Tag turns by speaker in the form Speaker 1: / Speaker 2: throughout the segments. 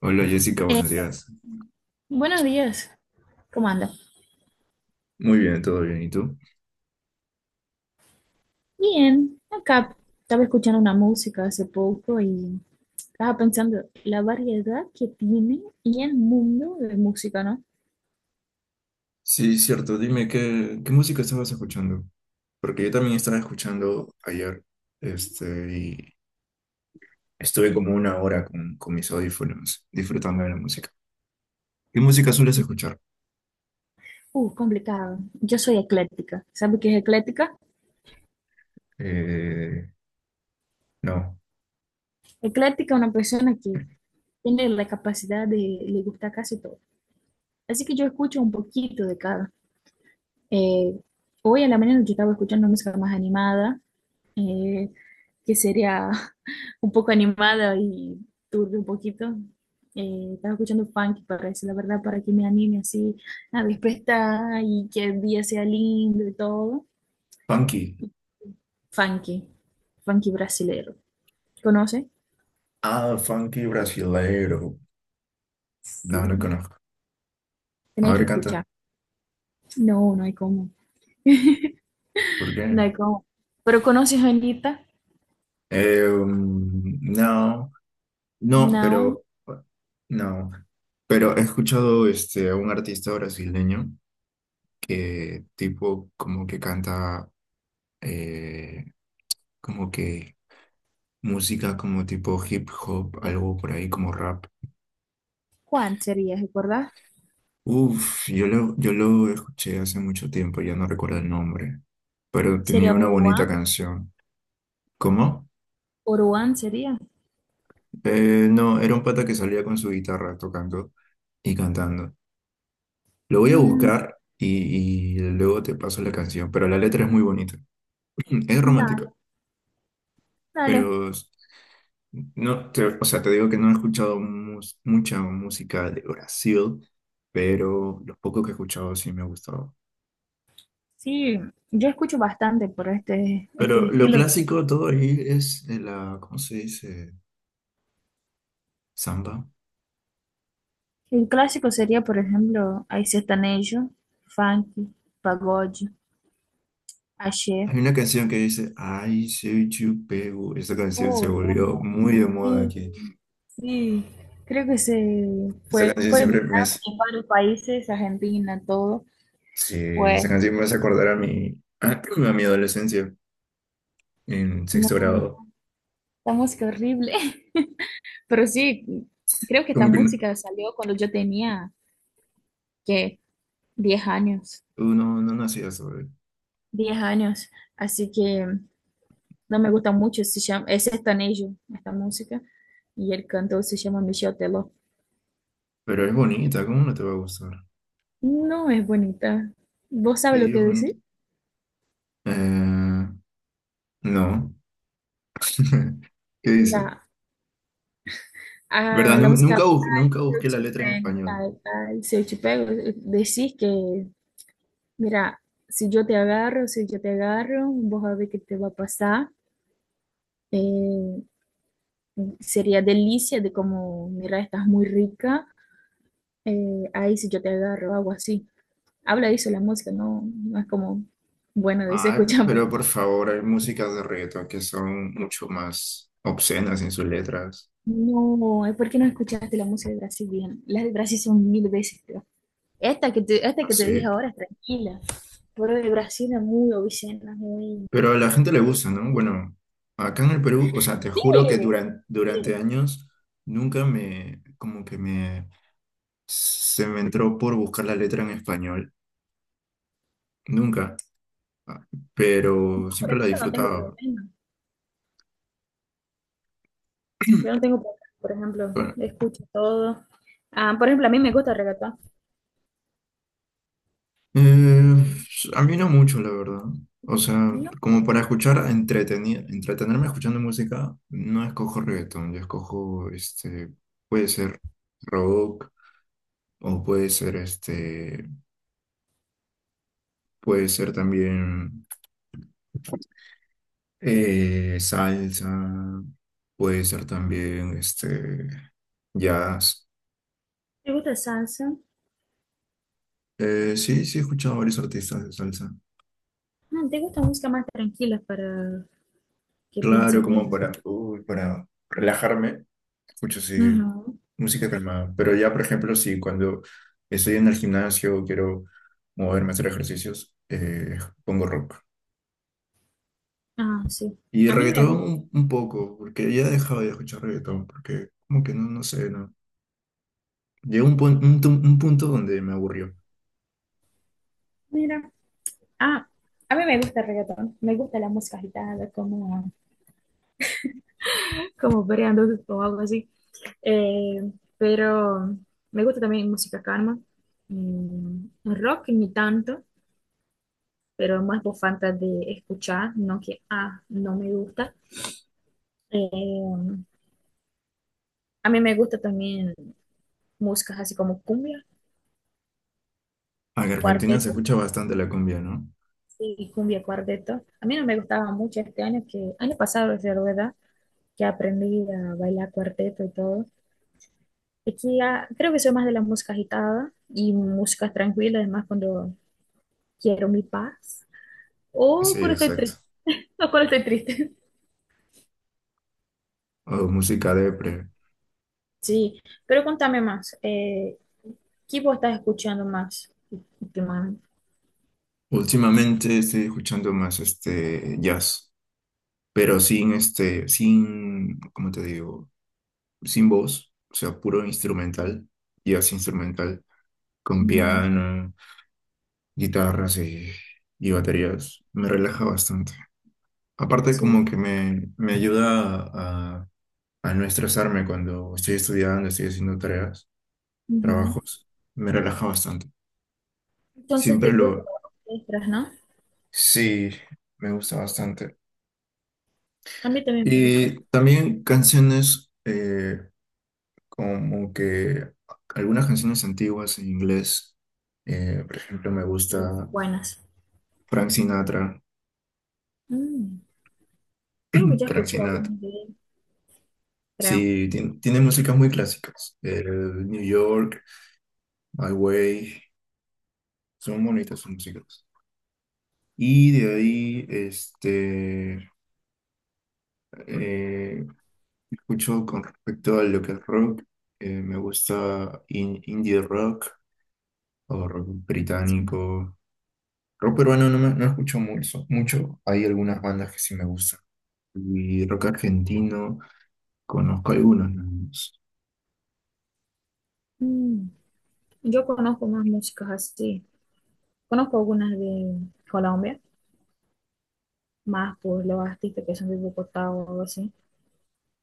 Speaker 1: Hola Jessica,
Speaker 2: Eh,
Speaker 1: buenos días.
Speaker 2: Buenos días, ¿cómo anda?
Speaker 1: Muy bien, todo bien. ¿Y tú?
Speaker 2: Bien, acá estaba escuchando una música hace poco y estaba pensando la variedad que tiene y el mundo de música, ¿no?
Speaker 1: Sí, cierto. Dime, ¿qué música estabas escuchando? Porque yo también estaba escuchando ayer, y estuve como una hora con mis audífonos disfrutando de la música. ¿Qué música sueles
Speaker 2: Sí,
Speaker 1: escuchar?
Speaker 2: complicado. Yo soy ecléctica. ¿Sabe qué es ecléctica?
Speaker 1: Eh, no.
Speaker 2: Ecléctica es una persona que tiene la capacidad de le gusta casi todo. Así que yo escucho un poquito de cada. Eh, Hoy en la mañana yo estaba escuchando música más animada. eh, que sería un poco animada y turbia un poquito. Estaba escuchando funk, parece, la verdad, para que me anime así a despertar y que el día sea lindo y todo.
Speaker 1: Funky.
Speaker 2: Funky, funky brasilero. ¿Conoce?
Speaker 1: Ah, funky brasileiro. No, no
Speaker 2: Sí,
Speaker 1: conozco. A
Speaker 2: tenéis que
Speaker 1: ver, canta.
Speaker 2: escuchar. No, no hay cómo.
Speaker 1: ¿Por
Speaker 2: No
Speaker 1: qué?
Speaker 2: hay cómo. ¿Pero conoces a Anitta?
Speaker 1: No. No,
Speaker 2: No.
Speaker 1: pero no. Pero he escuchado este a un artista brasileño que tipo como que canta eh, como que música como tipo hip hop, algo por ahí como rap.
Speaker 2: ¿Cuál sería, recordás?
Speaker 1: Uf, yo lo escuché hace mucho tiempo, ya no recuerdo el nombre, pero tenía
Speaker 2: ¿Sería
Speaker 1: una bonita
Speaker 2: Oruan?
Speaker 1: canción. ¿Cómo?
Speaker 2: ¿Oruan sería?
Speaker 1: No, era un pata que salía con su guitarra tocando y cantando. Lo voy a
Speaker 2: Mm,
Speaker 1: buscar y luego te paso la canción, pero la letra es muy bonita. Es
Speaker 2: dale,
Speaker 1: romántica,
Speaker 2: dale.
Speaker 1: pero no, o sea, te digo que no he escuchado mucha música de Brasil, pero lo poco que he escuchado sí me ha gustado.
Speaker 2: Sí, yo escucho bastante por este
Speaker 1: Pero lo
Speaker 2: estilo.
Speaker 1: clásico de todo ahí es de la, ¿cómo se dice? Samba.
Speaker 2: El clásico sería, por ejemplo, hay sertanejo, funk, pagode, axé.
Speaker 1: Hay una canción que dice, ay, soy chupeu. Esa canción
Speaker 2: Oh,
Speaker 1: se
Speaker 2: no,
Speaker 1: volvió
Speaker 2: no.
Speaker 1: muy de moda
Speaker 2: Sí,
Speaker 1: aquí.
Speaker 2: sí. Creo que se
Speaker 1: Esa
Speaker 2: fue,
Speaker 1: canción
Speaker 2: fue viral
Speaker 1: siempre me hace...
Speaker 2: en varios países, Argentina, todo.
Speaker 1: Sí, esa
Speaker 2: Pues,
Speaker 1: canción me hace acordar a mi, a mi adolescencia en
Speaker 2: no,
Speaker 1: sexto grado.
Speaker 2: no, esta música horrible. Pero sí, creo que esta
Speaker 1: Como que no,
Speaker 2: música salió cuando yo tenía, ¿qué? 10 años.
Speaker 1: tú no, no nacías sobre,
Speaker 2: 10 años. Así que no me gusta mucho, se llama, es ellos esta música, y el cantor se llama Michel Teló.
Speaker 1: pero es bonita, ¿cómo no te va a gustar?
Speaker 2: No es bonita. ¿Vos sabes
Speaker 1: Sí,
Speaker 2: lo
Speaker 1: es
Speaker 2: que
Speaker 1: bonita.
Speaker 2: decir?
Speaker 1: Eh, no. ¿Qué dice?
Speaker 2: Mira, a
Speaker 1: ¿Verdad?
Speaker 2: la música,
Speaker 1: Nunca, nunca
Speaker 2: se eu
Speaker 1: busqué la
Speaker 2: te
Speaker 1: letra en
Speaker 2: pego,
Speaker 1: español.
Speaker 2: tal, tal, se eu te pego, decís que, mira, si yo te agarro, si yo te agarro, vos a ver qué te va a pasar. Eh, Sería delicia de como, mira, estás muy rica, ahí si yo te agarro, algo así. Habla de eso la música, no, no es como, bueno, de
Speaker 1: Ay,
Speaker 2: escuchame.
Speaker 1: pero por favor, hay músicas de reggaetón que son mucho más obscenas en sus letras.
Speaker 2: No, es porque no escuchaste la música de Brasil bien. Las de Brasil son mil veces peor. Esta que te dije
Speaker 1: Así.
Speaker 2: ahora es tranquila, pero de Brasil es muy obscena, muy...
Speaker 1: Pero a la gente le gusta, ¿no? Bueno, acá en el Perú, o sea, te
Speaker 2: Sí,
Speaker 1: juro que durante
Speaker 2: sí,
Speaker 1: años nunca me, como que me, se me entró por buscar la letra en español, nunca. Ah, pero
Speaker 2: por
Speaker 1: siempre la
Speaker 2: ejemplo, no tengo
Speaker 1: disfrutaba.
Speaker 2: problema. Yo no tengo problema, por ejemplo,
Speaker 1: Bueno,
Speaker 2: escucho todo. Ah, por ejemplo, a mí me gusta el reggaetón.
Speaker 1: eh, a mí no mucho, la verdad. O sea,
Speaker 2: No,
Speaker 1: como para escuchar, entretenerme escuchando música, no escojo reggaetón, yo escojo, este, puede ser rock o puede ser, este, puede ser también... salsa, puede ser también este jazz.
Speaker 2: te gusta salsa.
Speaker 1: Sí, sí he escuchado varios artistas de salsa.
Speaker 2: No, te gusta música más tranquila para que
Speaker 1: Claro,
Speaker 2: pienses
Speaker 1: como
Speaker 2: bien.
Speaker 1: para, uy, para relajarme, escucho sí
Speaker 2: Ujú.
Speaker 1: música calmada. Pero ya, por ejemplo, si cuando estoy en el gimnasio quiero moverme a hacer ejercicios, pongo rock.
Speaker 2: Ah, sí.
Speaker 1: Y
Speaker 2: A mí me
Speaker 1: reggaetón
Speaker 2: gusta.
Speaker 1: un poco, porque ya he dejado de escuchar reggaetón, porque como que no, no sé, no. Llegó un punto donde me aburrió.
Speaker 2: Mira. Ah, a mí me gusta el reggaetón, me gusta la música agitada, como, como variando o algo así. Eh, pero me gusta también música calma. Mm, rock ni tanto, pero más por falta de escuchar, no que, ah, no me gusta. Eh, a mí me gusta también músicas así como cumbia,
Speaker 1: Ah, que Argentina se
Speaker 2: cuarteto,
Speaker 1: escucha bastante la cumbia, ¿no?
Speaker 2: sí, cumbia, cuarteto. A mí no me gustaba mucho este año, que año pasado, es verdad, que aprendí a bailar cuarteto y todo. Aquí ah, creo que soy más de la música agitada y música tranquila, además cuando quiero mi paz
Speaker 1: Sí,
Speaker 2: o cuando estoy
Speaker 1: exacto.
Speaker 2: triste, o cuando estoy triste.
Speaker 1: O música depre.
Speaker 2: Sí, pero contame más, ¿qué vos estás escuchando más últimamente?
Speaker 1: Últimamente estoy escuchando más este jazz, pero sin este, sin, ¿cómo te digo? Sin voz, o sea, puro instrumental, jazz instrumental, con
Speaker 2: Ujú.
Speaker 1: piano, guitarras y baterías. Me relaja bastante. Aparte
Speaker 2: Sí,
Speaker 1: como que me ayuda a no estresarme cuando estoy estudiando, estoy haciendo tareas,
Speaker 2: ujú.
Speaker 1: trabajos. Me relaja bastante.
Speaker 2: ¿Entonces
Speaker 1: Siempre
Speaker 2: te gustan
Speaker 1: lo...
Speaker 2: las orquestas, no?
Speaker 1: Sí, me gusta bastante.
Speaker 2: A mí también me gustan,
Speaker 1: Y también canciones como que algunas canciones antiguas en inglés. Por ejemplo, me
Speaker 2: sí, son
Speaker 1: gusta
Speaker 2: buenas.
Speaker 1: Frank Sinatra.
Speaker 2: Mm, creo que ya
Speaker 1: Frank
Speaker 2: escuché
Speaker 1: Sinatra.
Speaker 2: algunas de ellas, creo.
Speaker 1: Sí, tiene músicas muy clásicas. El New York, My Way. Son bonitas sus músicas. Y de ahí, eh, escucho con respecto a lo que es rock. Me gusta indie rock o rock
Speaker 2: Sí.
Speaker 1: británico. Rock peruano no, no escucho mucho, mucho. Hay algunas bandas que sí me gustan. Y rock argentino, conozco algunos, nada más.
Speaker 2: Mm, yo conozco más músicas así, conozco algunas de Colombia. Más pues los artistas que son de Bogotá o algo así.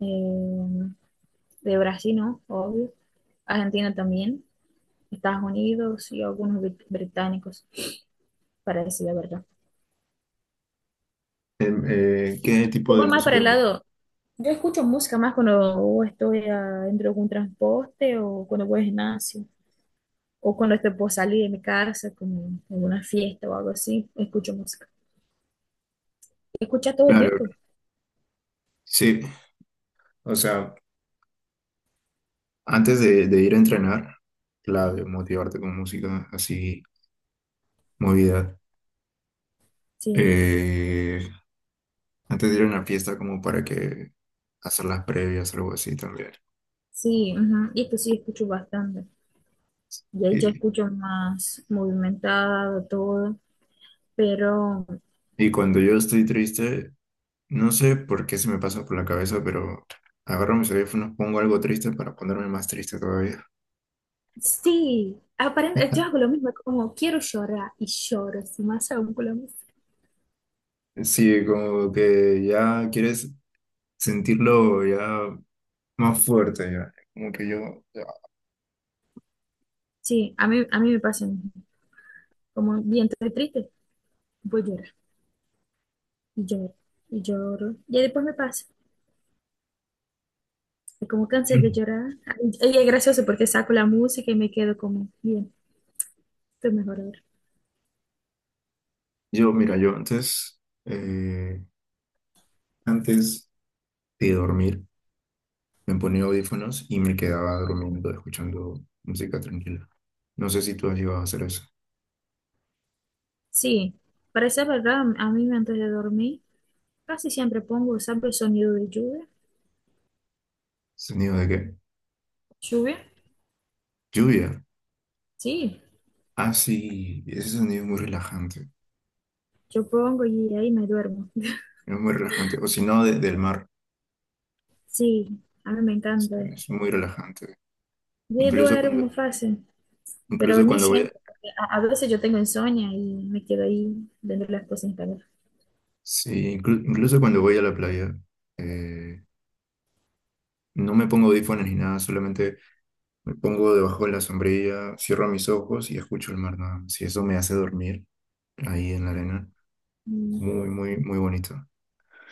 Speaker 2: Eh, de Brasil, ¿no? Obvio. Argentina también, Estados Unidos y algunos británicos, para decir la verdad.
Speaker 1: ¿Qué
Speaker 2: Yo
Speaker 1: tipo de
Speaker 2: voy más para
Speaker 1: música?
Speaker 2: el lado, yo escucho música más cuando estoy ah, dentro de un transporte o cuando voy al gimnasio o cuando estoy por salir de mi casa, como alguna fiesta o algo así, escucho música. Escuchas todo el
Speaker 1: Claro,
Speaker 2: tiempo,
Speaker 1: sí. O sea, antes de ir a entrenar, clave, motivarte con música así, movida.
Speaker 2: sí,
Speaker 1: Eh, antes de ir a una fiesta, como para que hacer las previas, algo así también.
Speaker 2: sí, ujú, y esto sí escucho bastante. Y ahí ya
Speaker 1: Y,
Speaker 2: escucho más movimentado todo, pero
Speaker 1: y cuando yo estoy triste, no sé por qué se me pasa por la cabeza, pero agarro mis audífonos, pongo algo triste para ponerme más triste todavía.
Speaker 2: sí, aparente, yo hago lo mismo, como quiero llorar y lloro, así más aún con la música.
Speaker 1: Sí, como que ya quieres sentirlo ya más fuerte, ya. Como que yo, ya.
Speaker 2: Sí, a mí me pasa lo mismo, como bien estoy triste, voy a llorar y lloro y lloro, y después me pasa, y como cansé de llorar, y es gracioso porque saco la música y me quedo como, bien, estoy mejor ahora.
Speaker 1: Yo, mira, yo antes, eh, antes de dormir, me ponía audífonos y me quedaba durmiendo, escuchando música tranquila. No sé si tú has llegado a hacer eso.
Speaker 2: Sí, para ser verdad, a mí antes de dormir casi siempre pongo, ¿sabes? Sonido de lluvia,
Speaker 1: ¿Sonido de qué?
Speaker 2: lluvia,
Speaker 1: Lluvia.
Speaker 2: sí.
Speaker 1: Ah, sí, ese sonido es muy relajante.
Speaker 2: Yo pongo y ahí me duermo.
Speaker 1: Es muy relajante. O si no, del mar.
Speaker 2: Sí, a mí me encanta.
Speaker 1: Es muy relajante.
Speaker 2: Yo
Speaker 1: Incluso
Speaker 2: duermo
Speaker 1: cuando,
Speaker 2: fácil, pero
Speaker 1: incluso
Speaker 2: ni
Speaker 1: cuando voy a,
Speaker 2: siempre. Porque a veces yo tengo insomnio y me quedo ahí viendo las cosas en calor.
Speaker 1: sí, incluso cuando voy a la playa, eh, no me pongo audífonos ni nada, solamente me pongo debajo de la sombrilla, cierro mis ojos y escucho el mar nada más. Y eso me hace dormir ahí en la arena.
Speaker 2: Mm,
Speaker 1: Muy, muy, muy bonito.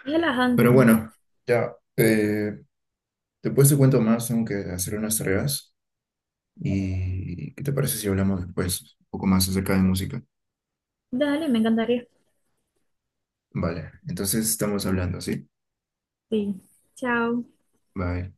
Speaker 2: es relajante,
Speaker 1: Pero
Speaker 2: ¿no?
Speaker 1: bueno, ya. Después te cuento más, aunque hacer unas tareas. ¿Y qué te parece si hablamos después? Un poco más acerca de música.
Speaker 2: Dale, me encantaría.
Speaker 1: Vale, entonces estamos hablando, ¿sí?
Speaker 2: Sí. Chao.
Speaker 1: Bye.